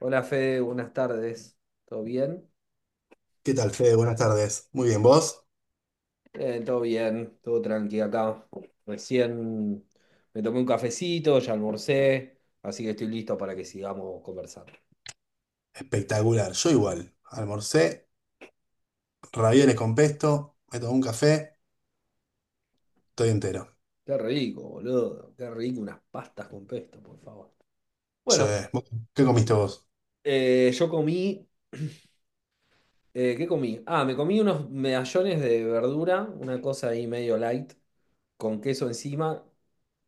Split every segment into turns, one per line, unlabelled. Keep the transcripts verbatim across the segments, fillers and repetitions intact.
Hola Fede, buenas tardes. ¿Todo bien?
¿Qué tal, Fede? Buenas tardes. Muy bien, ¿vos?
Eh, todo bien, todo tranqui acá. Recién me tomé un cafecito, ya almorcé, así que estoy listo para que sigamos conversando.
Espectacular. Yo igual. Almorcé, ravioles con pesto, me tomé un café, estoy entero.
Qué rico, boludo. Qué rico unas pastas con pesto, por favor.
Sí.
Bueno,
¿Vos ¿Qué comiste vos?
eh, yo comí, eh, ¿qué comí? Ah, me comí unos medallones de verdura, una cosa ahí medio light, con queso encima.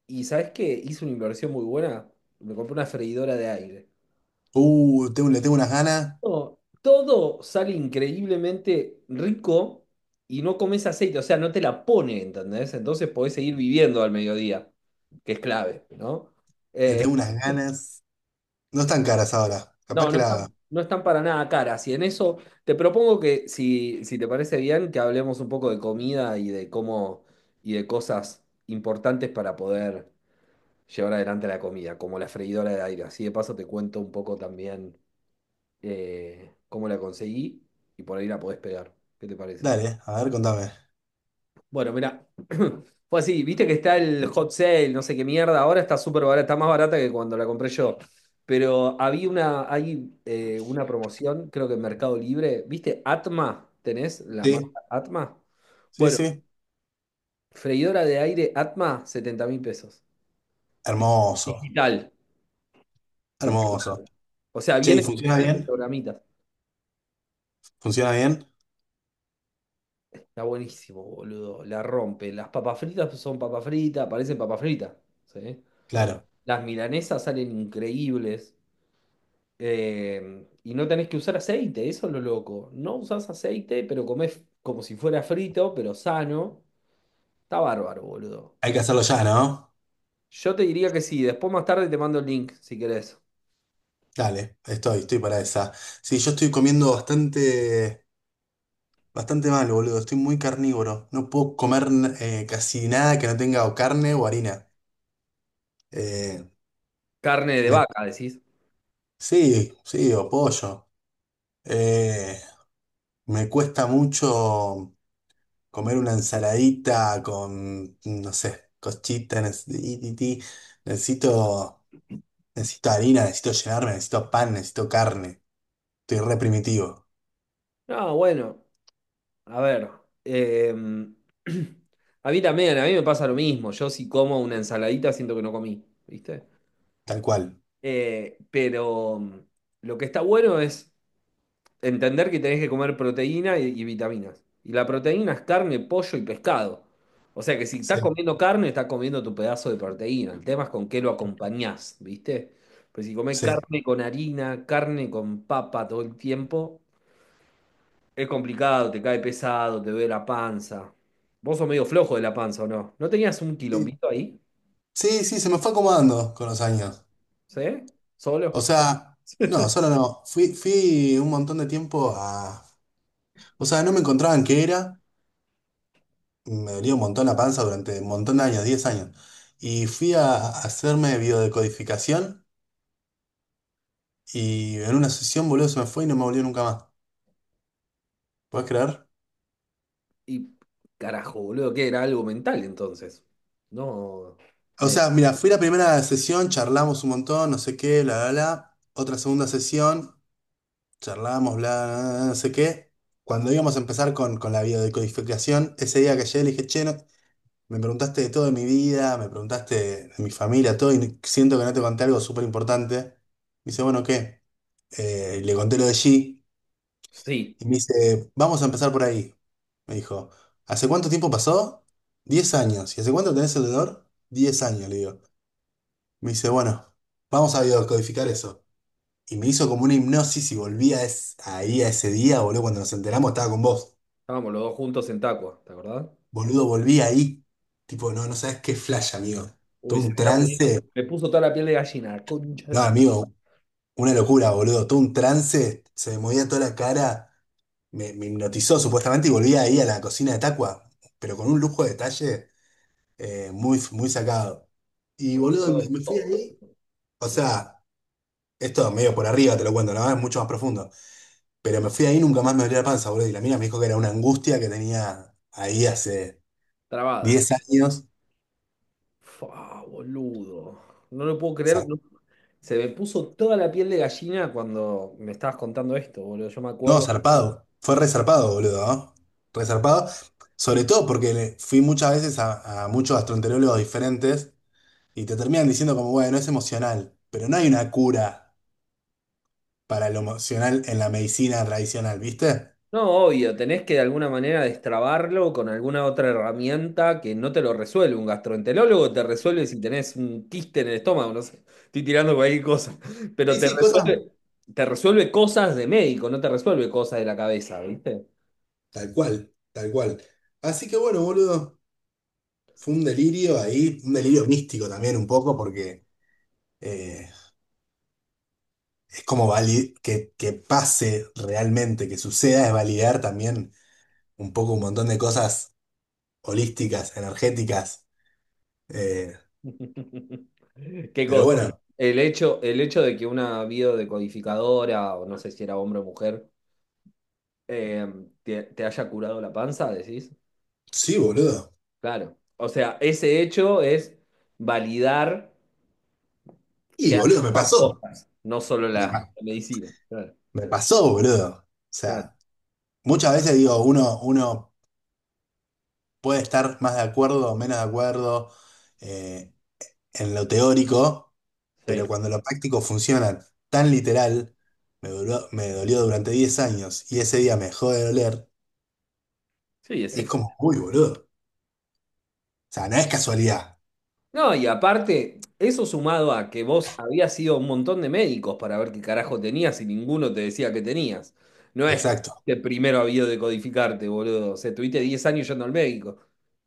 ¿Y sabes qué? Hice una inversión muy buena. Me compré una freidora de aire.
Uh, tengo- le tengo unas ganas,
Todo, todo sale increíblemente rico y no comes aceite, o sea, no te la pone, ¿entendés? Entonces podés seguir viviendo al mediodía, que es clave, ¿no?
le
Eh,
tengo unas ganas. No están caras ahora. Capaz
no,
que
no
la.
están, no están para nada caras. Y en eso te propongo que, si, si te parece bien, que hablemos un poco de comida y de cómo y de cosas importantes para poder llevar adelante la comida, como la freidora de aire. Así de paso te cuento un poco también eh, cómo la conseguí y por ahí la podés pegar. ¿Qué te parece?
Dale, a ver, contame.
Bueno, mira, fue así, viste que está el hot sale, no sé qué mierda, ahora está súper barata, está más barata que cuando la compré yo. Pero había una, hay eh, una promoción, creo que en Mercado Libre, ¿viste? Atma, ¿tenés la marca
Sí,
Atma?
sí,
Bueno,
sí.
freidora de aire Atma, setenta mil pesos. Di-
Hermoso,
Digital. Porque-
hermoso.
O sea,
Che, ¿y
viene con
funciona
diferentes
bien?
programitas.
¿Funciona bien?
Está buenísimo, boludo. La rompe. Las papas fritas son papas fritas, parecen papas fritas. ¿Sí?
Claro.
Las milanesas salen increíbles. Eh, y no tenés que usar aceite, eso es lo loco. No usás aceite, pero comés como si fuera frito, pero sano. Está bárbaro, boludo.
Hay que hacerlo ya, ¿no?
Yo te diría que sí, después más tarde te mando el link, si querés.
Dale, estoy, estoy para esa. Sí, yo estoy comiendo bastante... Bastante mal, boludo. Estoy muy carnívoro. No puedo comer eh, casi nada que no tenga o carne o harina. Eh,
Carne de
me-
vaca, decís.
sí, sí, o pollo. Eh, Me cuesta mucho comer una ensaladita con, no sé, cochita. Necesito, necesito harina, necesito llenarme, necesito pan, necesito carne. Estoy re primitivo,
No, bueno, a ver. em, a mí también, a mí me pasa lo mismo. Yo si como una ensaladita siento que no comí, ¿viste?
tal cual.
Eh, pero mm, lo que está bueno es entender que tenés que comer proteína y, y vitaminas. Y la proteína es carne, pollo y pescado. O sea que si estás
Sí.
comiendo carne, estás comiendo tu pedazo de proteína. El tema es con qué lo acompañás, ¿viste? Pues si comés
Sí.
carne con harina, carne con papa todo el tiempo, es complicado, te cae pesado, te duele la panza. Vos sos medio flojo de la panza, ¿o no? ¿No tenías un quilombito ahí?
Sí, sí, se me fue acomodando con los años.
¿Sí?
O
¿Solo?
sea, no, solo no. Fui, fui un montón de tiempo a. O sea, no me encontraban qué era. Me dolía un montón la panza durante un montón de años, diez años. Y fui a a hacerme biodecodificación y en una sesión, boludo, se me fue y no me volvió nunca más. ¿Puedes creer?
Y carajo, boludo, que era algo mental entonces. No,
O
me...
sea, mira, fui la primera sesión, charlamos un montón, no sé qué, bla, bla, bla. Otra segunda sesión, charlamos, bla, bla, bla, no sé qué. Cuando íbamos a empezar con, con la biodecodificación, ese día que llegué le dije, che, no, me preguntaste de todo de mi vida, me preguntaste de mi familia, todo, y siento que no te conté algo súper importante. Me dice, bueno, ¿qué? Eh, y le conté lo de G,
Sí.
y me dice, vamos a empezar por ahí. Me dijo, ¿hace cuánto tiempo pasó? Diez años. ¿Y hace cuánto tenés el dolor? Diez años, le digo. Me dice, bueno, vamos a biodescodificar eso. Y me hizo como una hipnosis y volví a es- ahí a ese día, boludo, cuando nos enteramos estaba con vos.
Estábamos los dos juntos en Tacua, ¿te acordás?
Boludo, volví ahí. Tipo, no, no sabes qué flash, amigo.
Uy,
Todo
se
un
me está poniendo,
trance.
me puso toda la piel de gallina, concha.
No, amigo, una locura, boludo. Todo un trance, se me movía toda la cara, me, me hipnotizó supuestamente y volví ahí a la cocina de Tacua, pero con un lujo de detalle eh, muy, muy sacado. Y
Yo me
boludo,
acuerdo
me,
de
me fui
todo.
ahí. O sea, esto medio por arriba te lo cuento, ¿no? Es mucho más profundo. Pero me fui ahí, y nunca más me dolió la panza, boludo. Y la mina me dijo que era una angustia que tenía ahí hace
Trabada.
diez años.
Fua, boludo. No lo puedo creer. no- Se me puso toda la piel de gallina cuando me estabas contando esto, boludo. Yo me
No,
acuerdo.
zarpado. Fue resarpado, boludo, ¿no? Resarpado. Sobre todo porque le- fui muchas veces a, a muchos gastroenterólogos diferentes y te terminan diciendo como, bueno, es emocional, pero no hay una cura para lo emocional en la medicina tradicional, ¿viste?
No, obvio, tenés que de alguna manera destrabarlo con alguna otra herramienta que no te lo resuelve. Un gastroenterólogo te resuelve si tenés un quiste en el estómago, no sé, estoy tirando cualquier cosa, pero
Sí,
te
sí, cosas
resuelve, te resuelve cosas de médico, no te resuelve cosas de la cabeza, ¿viste?
tal cual, tal cual. Así que bueno, boludo, fue un delirio ahí, un delirio místico también un poco porque eh, es como vali- que, que pase realmente, que suceda, es validar también un poco un montón de cosas holísticas, energéticas. eh,
¿Qué
pero
cosa?
bueno,
El hecho, el hecho de que una biodecodificadora, o no sé si era hombre o mujer, eh, te, te haya curado la panza, decís,
sí, boludo.
claro. O sea, ese hecho es validar. Que
Y
hay
boludo, me
otras
pasó.
cosas, no solo
Me,
la
pa-
medicina. Claro,
me pasó, boludo. O
claro,
sea, muchas veces digo, uno, uno puede estar más de acuerdo o menos de acuerdo eh, en lo teórico,
sí.
pero cuando lo práctico funciona tan literal, me duró- me dolió durante diez años y ese día me dejó de doler.
Sí, así
Es
fue.
como, uy, boludo. O sea, no es casualidad.
No, y aparte, eso sumado a que vos habías ido a un montón de médicos para ver qué carajo tenías y ninguno te decía que tenías. No es
Exacto.
que primero había de codificarte, boludo. O sea, estuviste diez años yendo al médico.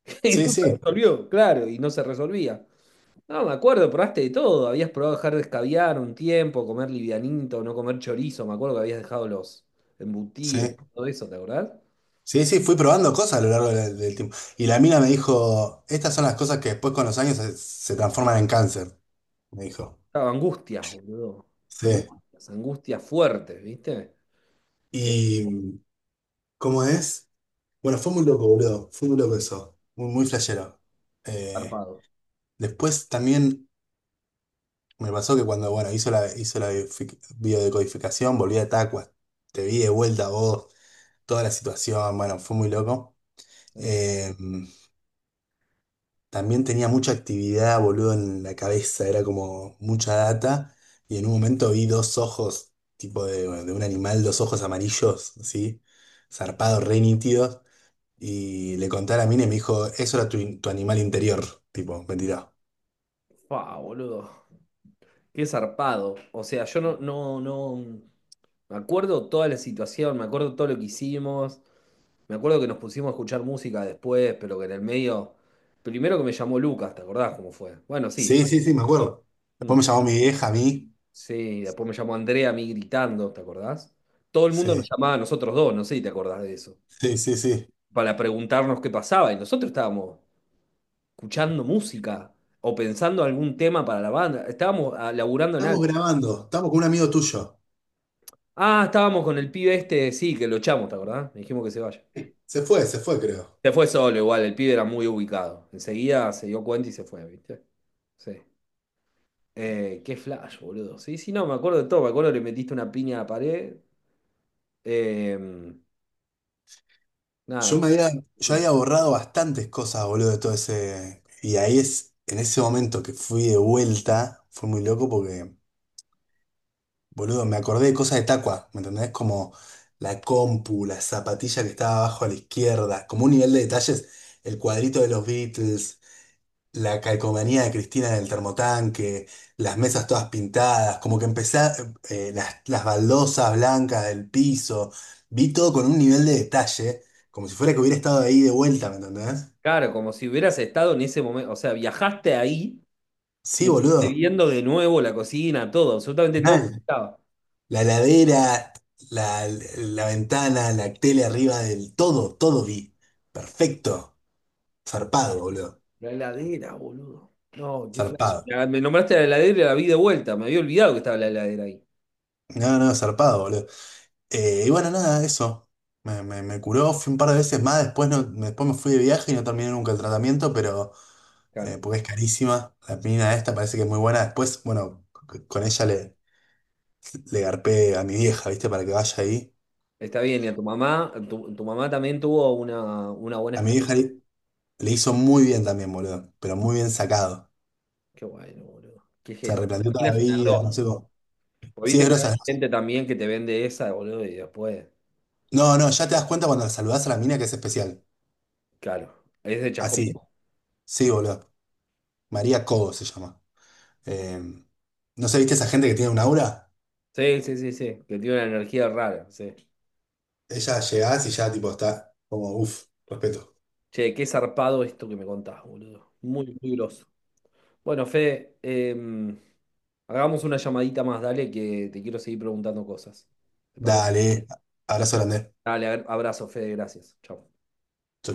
Y
Sí,
no se
sí,
resolvió, claro, y no se resolvía. No, me acuerdo, probaste de todo. Habías probado dejar de escabiar un tiempo, comer livianito, no comer chorizo. Me acuerdo que habías dejado los embutidos,
sí.
todo eso, ¿te acordás?
Sí, sí, fui probando cosas a lo largo de- del tiempo. Y la mina me dijo, estas son las cosas que después con los años se, se transforman en cáncer, me dijo.
Claro, angustias, boludo.
Sí.
Angustias, angustias fuertes, ¿viste? Es
¿Y cómo es? Bueno, fue muy loco, boludo. Fue muy loco eso. Muy, muy flashero. Eh,
zarpado.
Después también me pasó que cuando, bueno, hizo la, hizo la biofic- biodecodificación, volví a Tacua. Te vi de vuelta a vos, toda la situación, bueno, fue muy loco.
Sí.
Eh, También tenía mucha actividad, boludo, en la cabeza, era como mucha data. Y en un momento vi dos ojos, tipo de, de un animal, dos ojos amarillos, así, zarpados, re nítidos. Y le conté a la mina y me dijo, eso era tu, in- tu animal interior, tipo, mentira.
Fa, boludo. Qué zarpado. O sea, yo no, no, no. Me acuerdo toda la situación, me acuerdo todo lo que hicimos. Me acuerdo que nos pusimos a escuchar música después, pero que en el medio. Primero que me llamó Lucas, ¿te acordás cómo fue? Bueno, sí.
Sí, sí, sí, me acuerdo.
Mm.
Después me llamó mi vieja a mí.
Sí, después me llamó Andrea a mí gritando, ¿te acordás? Todo el mundo nos
Sí,
llamaba a nosotros dos, no sé si te acordás de eso.
sí, sí, sí.
Para preguntarnos qué pasaba. Y nosotros estábamos escuchando música o pensando algún tema para la banda. Estábamos ah, laburando en
Estamos
algo.
grabando, estamos con un amigo tuyo.
Ah, estábamos con el pibe este, sí, que lo echamos, ¿te acordás? Le dijimos que se vaya.
Se fue, se fue, creo.
Se fue solo igual, el pibe era muy ubicado. Enseguida se dio cuenta y se fue, ¿viste? Sí. Eh, qué flash, boludo. Sí, sí, no, me acuerdo de todo. Me acuerdo que le metiste una piña a la pared. Eh,
Yo me
nada.
había, yo había borrado bastantes cosas, boludo, de todo ese. Y ahí es, en ese momento que fui de vuelta, fue muy loco porque, boludo, me acordé de cosas de Tacua, ¿me entendés? Como la compu, la zapatilla que estaba abajo a la izquierda, como un nivel de detalles, el cuadrito de los Beatles, la calcomanía de Cristina en el termotanque, las mesas todas pintadas, como que empecé, eh, las, las baldosas blancas del piso, vi todo con un nivel de detalle, como si fuera que hubiera estado ahí de vuelta, ¿me entendés?
Claro, como si hubieras estado en ese momento. O sea, viajaste ahí y
Sí,
estuviste
boludo,
viendo de nuevo la cocina, todo, absolutamente todo
mal.
como estaba.
La heladera, la, la ventana, la tele arriba del todo, todo vi. Perfecto. Zarpado, boludo.
La heladera, boludo. No, qué flash.
Zarpado.
Ya, me nombraste la heladera y la vi de vuelta. Me había olvidado que estaba la heladera ahí.
No, no, zarpado, boludo. Eh, y bueno, nada, eso. Me, me, me curó, fui un par de veces más, después, no, después me fui de viaje y no terminé nunca el tratamiento, pero eh,
Claro.
porque es carísima. La mina esta parece que es muy buena. Después, bueno, c- con ella le, le garpé a mi vieja, ¿viste? Para que vaya ahí.
Está bien, y a tu mamá, tu, tu mamá también tuvo una, una buena
A mi vieja
experiencia.
le, le hizo muy bien también, boludo, pero muy bien sacado.
Qué bueno, boludo. Qué
Se
gero. La
replanteó toda
mina
la
es una
vida, no
grosa,
sé cómo.
boludo. Porque
Sí,
viste
es
que hay
grosa. Es grosa.
gente también que te vende esa, boludo, y después.
No, no, ya te das cuenta cuando saludás a la mina que es especial.
Claro. Es de Chascomú.
Así. Sí, boludo. María Cobo se llama. Eh, ¿No sé, viste esa gente que tiene un aura?
Sí, sí, sí, sí. Que tiene una energía rara. Sí.
Ella llegás y ya tipo está como, uff, respeto.
Che, qué zarpado esto que me contás, boludo. Muy, muy groso. Bueno, Fede, eh, hagamos una llamadita más, dale, que te quiero seguir preguntando cosas. ¿Te parece?
Dale, abrazo grande.
Dale, abrazo, Fede, gracias. Chao.
Chau, chau.